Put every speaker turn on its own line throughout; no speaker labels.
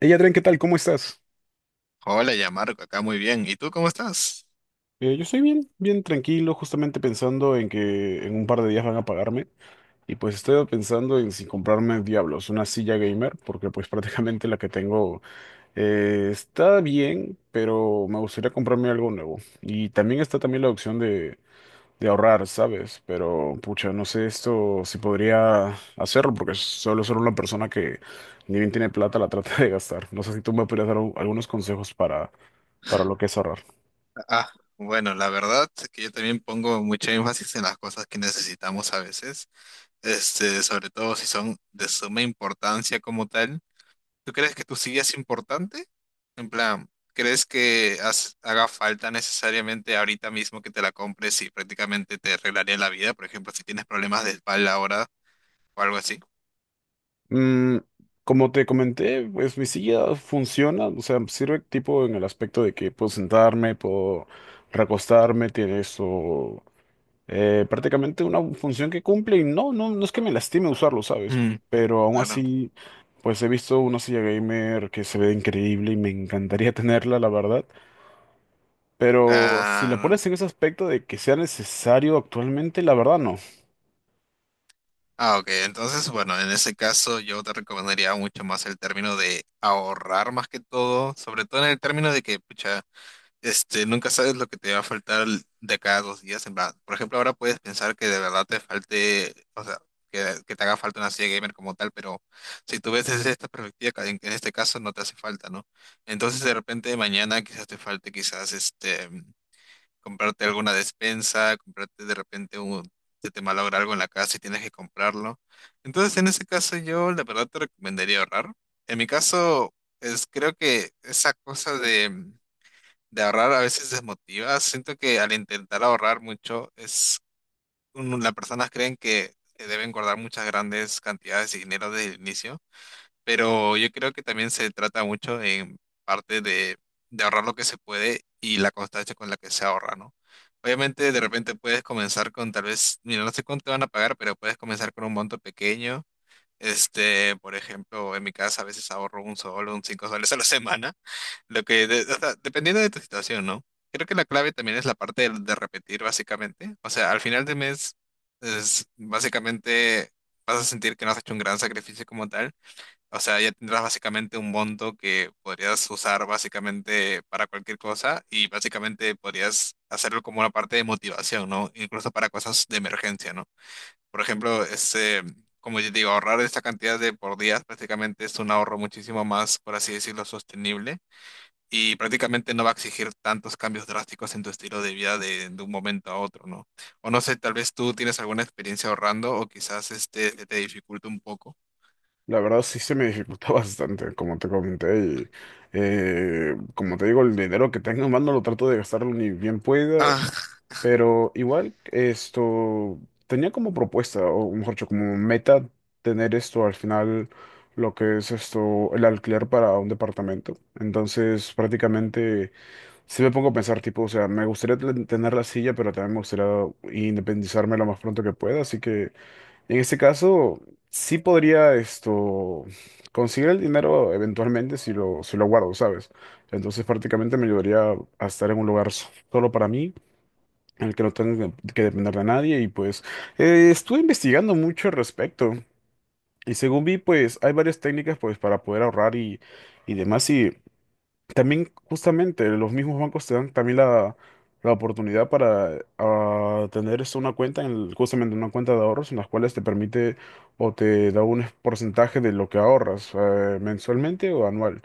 Ella, Adrián, ¿qué tal? ¿Cómo estás?
Hola, ya Marco, acá muy bien. ¿Y tú cómo estás?
Yo estoy bien, bien tranquilo, justamente pensando en que en un par de días van a pagarme. Y pues estoy pensando en si comprarme Diablos, una silla gamer, porque pues prácticamente la que tengo está bien, pero me gustaría comprarme algo nuevo. Y también está también la opción de ahorrar, ¿sabes? Pero pucha, no sé esto si podría hacerlo, porque solo soy una persona que ni bien tiene plata, la trata de gastar. No sé si tú me podrías dar algunos consejos para lo que es ahorrar.
Ah, bueno, la verdad que yo también pongo mucho énfasis en las cosas que necesitamos a veces, sobre todo si son de suma importancia como tal. ¿Tú crees que tu silla es importante? En plan, ¿crees que haga falta necesariamente ahorita mismo que te la compres y prácticamente te arreglaría la vida? Por ejemplo, si tienes problemas de espalda ahora o algo así.
Mm, como te comenté, pues mi silla funciona, o sea, sirve tipo en el aspecto de que puedo sentarme, puedo recostarme, tiene eso, prácticamente una función que cumple y no, no, no es que me lastime usarlo, ¿sabes?
Mm,
Pero aún
claro,
así, pues he visto una silla gamer que se ve increíble y me encantaría tenerla, la verdad. Pero si la
claro.
pones en ese aspecto de que sea necesario actualmente, la verdad no.
Ah, ok. Entonces, bueno, en ese caso yo te recomendaría mucho más el término de ahorrar más que todo, sobre todo en el término de que, pucha, nunca sabes lo que te va a faltar de cada dos días. En plan, por ejemplo, ahora puedes pensar que de verdad te falte, o sea, que te haga falta una silla gamer como tal, pero si tú ves desde esta perspectiva, que en este caso no te hace falta, ¿no? Entonces, de repente mañana quizás te falte, quizás, este comprarte alguna despensa, comprarte de repente un, se te malogra algo en la casa y tienes que comprarlo. Entonces, en ese caso, yo la verdad te recomendaría ahorrar. En mi caso, es, creo que esa cosa de ahorrar a veces desmotiva. Siento que al intentar ahorrar mucho, es, un- las personas creen que deben guardar muchas grandes cantidades de dinero desde el inicio. Pero yo creo que también se trata mucho en parte de ahorrar lo que se puede y la constancia con la que se ahorra, ¿no? Obviamente de repente puedes comenzar con tal vez, mira, no sé cuánto te van a pagar, pero puedes comenzar con un monto pequeño. Este, por ejemplo, en mi casa a veces ahorro un sol, un cinco soles a la semana, lo que, de- o sea, dependiendo de tu situación, ¿no? Creo que la clave también es la parte de repetir, básicamente. O sea, al final del mes, es, básicamente vas a sentir que no has hecho un gran sacrificio como tal, o sea, ya tendrás básicamente un monto que podrías usar básicamente para cualquier cosa y básicamente podrías hacerlo como una parte de motivación, ¿no? Incluso para cosas de emergencia, ¿no? Por ejemplo, como yo digo, ahorrar esta cantidad de por días prácticamente es un ahorro muchísimo más, por así decirlo, sostenible y prácticamente no va a exigir tantos cambios drásticos en tu estilo de vida de un momento a otro, ¿no? O no sé, tal vez tú tienes alguna experiencia ahorrando o quizás este te dificulta un poco.
La verdad sí se me dificulta bastante, como te comenté, y como te digo, el dinero que tengo en mano lo trato de gastarlo ni bien pueda,
Ah,
pero igual esto tenía como propuesta, o mejor dicho, como meta tener esto al final, lo que es esto, el alquiler para un departamento. Entonces prácticamente sí me pongo a pensar, tipo, o sea, me gustaría tener la silla, pero también me gustaría independizarme lo más pronto que pueda, así que... En este caso, sí podría esto conseguir el dinero eventualmente si lo, si lo guardo, ¿sabes? Entonces prácticamente me ayudaría a estar en un lugar solo para mí, en el que no tenga que depender de nadie. Y pues estuve investigando mucho al respecto. Y según vi, pues hay varias técnicas pues para poder ahorrar y demás. También justamente los mismos bancos te dan también la oportunidad para ah, tener esto, una cuenta, en justamente una cuenta de ahorros en las cuales te permite o te da un porcentaje de lo que ahorras, mensualmente o anual.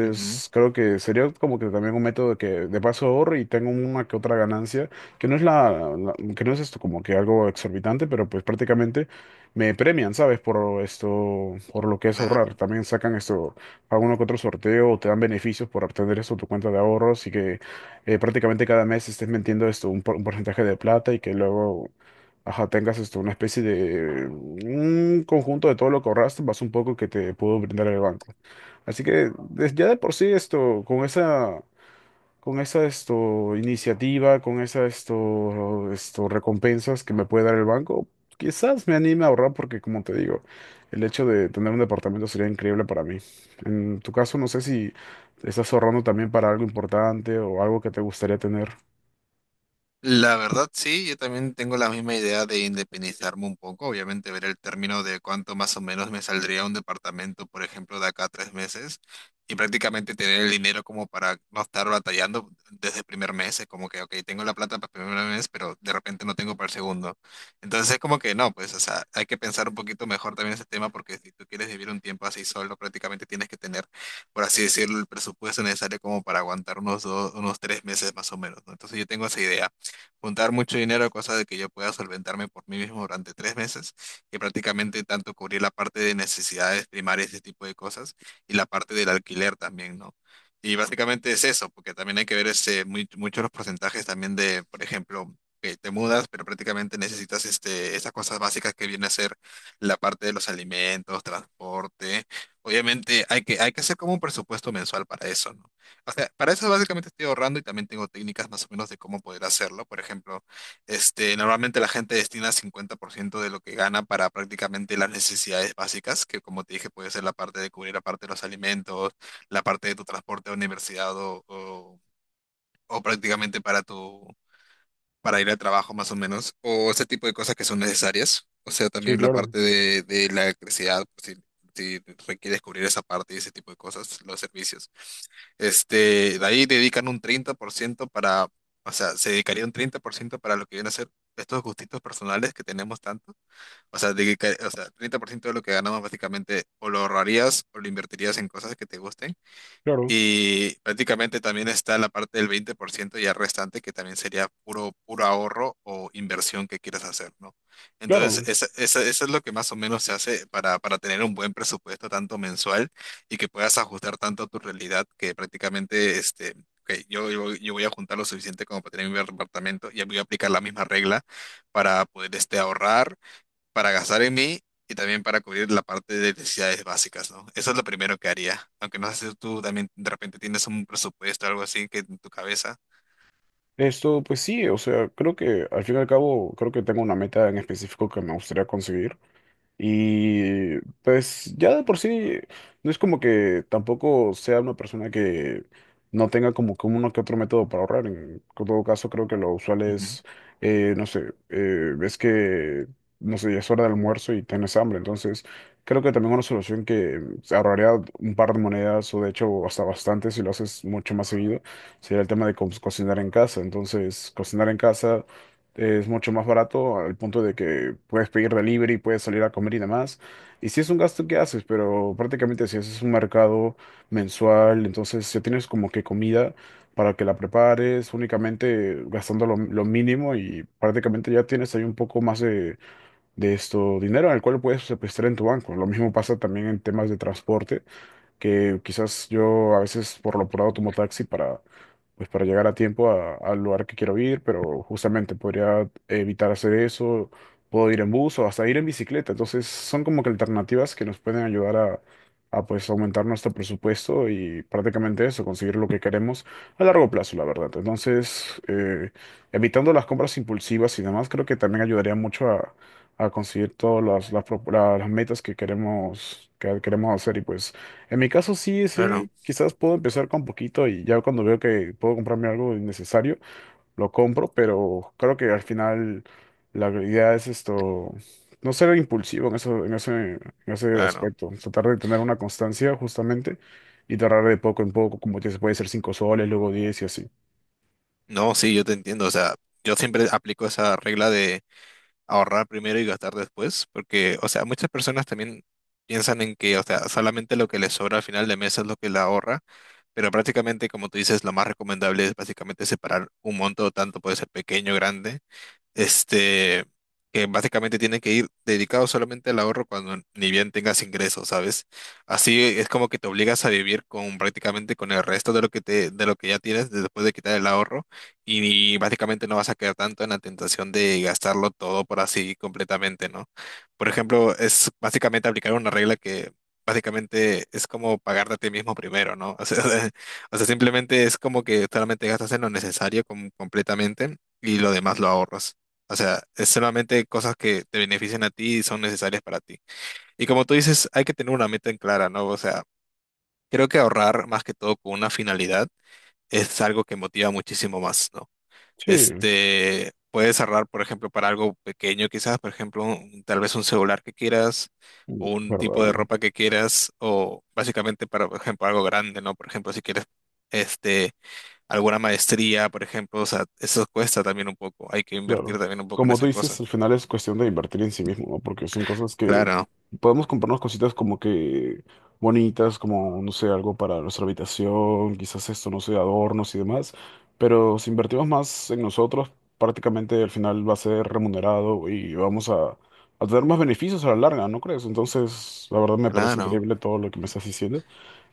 ujú,
creo que sería como que también un método que de paso ahorro y tengo una que otra ganancia, que no es que no es esto como que algo exorbitante, pero pues prácticamente me premian, ¿sabes? Por esto, por lo que es ahorrar.
claro.
También sacan esto, alguno que otro sorteo, o te dan beneficios por obtener esto tu cuenta de ahorros y que prácticamente cada mes estés metiendo esto un, un porcentaje de plata y que luego, ajá, tengas esto, una especie de un conjunto de todo lo que ahorraste, más un poco que te pudo brindar el banco. Así que ya de por sí esto, con esa esto, iniciativa, con esa esto, esto, recompensas que me puede dar el banco, quizás me anime a ahorrar porque, como te digo, el hecho de tener un departamento sería increíble para mí. En tu caso, no sé si estás ahorrando también para algo importante o algo que te gustaría tener.
La verdad, sí, yo también tengo la misma idea de independizarme un poco. Obviamente, ver el término de cuánto más o menos me saldría un departamento, por ejemplo, de acá a tres meses y prácticamente tener el dinero como para no estar batallando desde el primer mes. Es como que, ok, tengo la plata para el primer mes, pero de repente no tengo para el segundo. Entonces, es como que no, pues, o sea, hay que pensar un poquito mejor también ese tema porque si tú quieres vivir un tiempo así solo, prácticamente tienes que tener, por así decirlo, el presupuesto necesario como para aguantar unos dos, unos tres meses más o menos, ¿no? Entonces, yo tengo esa idea juntar mucho dinero, cosa de que yo pueda solventarme por mí mismo durante tres meses y prácticamente tanto cubrir la parte de necesidades primarias, este tipo de cosas, y la parte del alquiler también, ¿no? Y básicamente es eso, porque también hay que ver este, muy, muchos los porcentajes también de, por ejemplo, que te mudas, pero prácticamente necesitas este, esas cosas básicas que viene a ser la parte de los alimentos, transporte. Obviamente hay que hacer como un presupuesto mensual para eso, ¿no? O sea, para eso básicamente estoy ahorrando y también tengo técnicas más o menos de cómo poder hacerlo. Por ejemplo, normalmente la gente destina 50% de lo que gana para prácticamente las necesidades básicas, que como te dije puede ser la parte de cubrir la parte de los alimentos, la parte de tu transporte a universidad o prácticamente para tu, para ir al trabajo más o menos, o ese tipo de cosas que son necesarias, o sea,
Sí,
también la
claro,
parte de la electricidad, por si, si requieres cubrir esa parte y ese tipo de cosas, los servicios. Este, de ahí dedican un 30% para, o sea, se dedicaría un 30% para lo que viene a ser estos gustitos personales que tenemos tanto, o sea, dedica- o sea, 30% de lo que ganamos básicamente o lo ahorrarías o lo invertirías en cosas que te gusten
claro,
y prácticamente también está la parte del 20% ya restante, que también sería puro, puro ahorro o inversión que quieras hacer, ¿no? Entonces,
claro.
eso es lo que más o menos se hace para tener un buen presupuesto, tanto mensual, y que puedas ajustar tanto a tu realidad, que prácticamente, este, ok, yo voy a juntar lo suficiente como para tener mi departamento, y voy a aplicar la misma regla para poder, este, ahorrar para gastar en mí y también para cubrir la parte de necesidades básicas, ¿no? Eso es lo primero que haría, aunque no sé si tú también de repente tienes un presupuesto o algo así que en tu cabeza.
Esto, pues sí, o sea, creo que al fin y al cabo, creo que tengo una meta en específico que me gustaría conseguir. Y pues ya de por sí, no es como que tampoco sea una persona que no tenga como que uno que otro método para ahorrar. En todo caso, creo que lo usual es, es que, no sé, ya es hora de almuerzo y tienes hambre. Entonces, creo que también una solución que se ahorraría un par de monedas o de hecho hasta bastante si lo haces mucho más seguido, sería el tema de cocinar en casa. Entonces, cocinar en casa es mucho más barato al punto de que puedes pedir delivery, puedes salir a comer y demás. Y sí es un gasto que haces, pero prácticamente si haces un mercado mensual, entonces ya tienes como que comida para que la prepares únicamente gastando lo mínimo y prácticamente ya tienes ahí un poco más de esto dinero al cual puedes, este, prestar en tu banco. Lo mismo pasa también en temas de transporte, que quizás yo a veces por lo apurado tomo taxi pues, para llegar a tiempo al lugar que quiero ir, pero justamente podría evitar hacer eso, puedo ir en bus o hasta ir en bicicleta. Entonces son como que alternativas que nos pueden ayudar a pues aumentar nuestro presupuesto y prácticamente eso, conseguir lo que queremos a largo plazo, la verdad. Entonces, evitando las compras impulsivas y demás, creo que también ayudaría mucho a conseguir todas las metas que queremos hacer y pues... En mi caso sí,
Claro,
sí, quizás puedo empezar con poquito y ya cuando veo que puedo comprarme algo innecesario, lo compro, pero creo que al final la idea es esto, no ser impulsivo en eso, en ese
claro.
aspecto, tratar de tener una constancia justamente y tratar de poco en poco, como que se puede ser 5 soles, luego 10 y así.
No, sí, yo te entiendo, o sea, yo siempre aplico esa regla de ahorrar primero y gastar después, porque, o sea, muchas personas también piensan en que, o sea, solamente lo que les sobra al final de mes es lo que la ahorra, pero prácticamente, como tú dices, lo más recomendable es básicamente separar un monto, tanto puede ser pequeño, grande, este, que básicamente tienen que ir dedicados solamente al ahorro cuando ni bien tengas ingresos, ¿sabes? Así es como que te obligas a vivir con prácticamente con el resto de lo que te, de lo que ya tienes después de quitar el ahorro y básicamente no vas a quedar tanto en la tentación de gastarlo todo por así completamente, ¿no? Por ejemplo, es básicamente aplicar una regla que básicamente es como pagarte a ti mismo primero, ¿no? O sea, simplemente es como que solamente gastas en lo necesario completamente y lo demás lo ahorras. O sea, es solamente cosas que te benefician a ti y son necesarias para ti. Y como tú dices, hay que tener una meta en clara, ¿no? O sea, creo que ahorrar más que todo con una finalidad es algo que motiva muchísimo más, ¿no?
Sí, es
Este, puedes ahorrar, por ejemplo, para algo pequeño quizás, por ejemplo, un- tal vez un celular que quieras o un tipo de
verdad.
ropa que quieras o básicamente para, por ejemplo, algo grande, ¿no? Por ejemplo, si quieres, este, alguna maestría, por ejemplo, o sea, eso cuesta también un poco, hay que
Claro.
invertir también un poco en
Como tú
esas
dices,
cosas.
al final es cuestión de invertir en sí mismo, ¿no? Porque son cosas que
Claro.
podemos comprarnos cositas como que bonitas, como, no sé, algo para nuestra habitación, quizás esto, no sé, adornos y demás. Pero si invertimos más en nosotros, prácticamente al final va a ser remunerado y vamos a tener más beneficios a la larga, ¿no crees? Entonces, la verdad me parece
Claro,
increíble todo lo que me estás diciendo.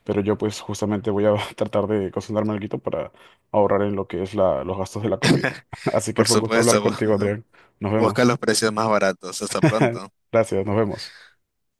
Pero yo pues justamente voy a tratar de cocinarme algo para ahorrar en lo que es los gastos de la comida. Así que
por
fue un gusto hablar
supuesto,
contigo, Adrián. Nos
busca
vemos.
los precios más baratos. Hasta pronto.
Gracias, nos vemos.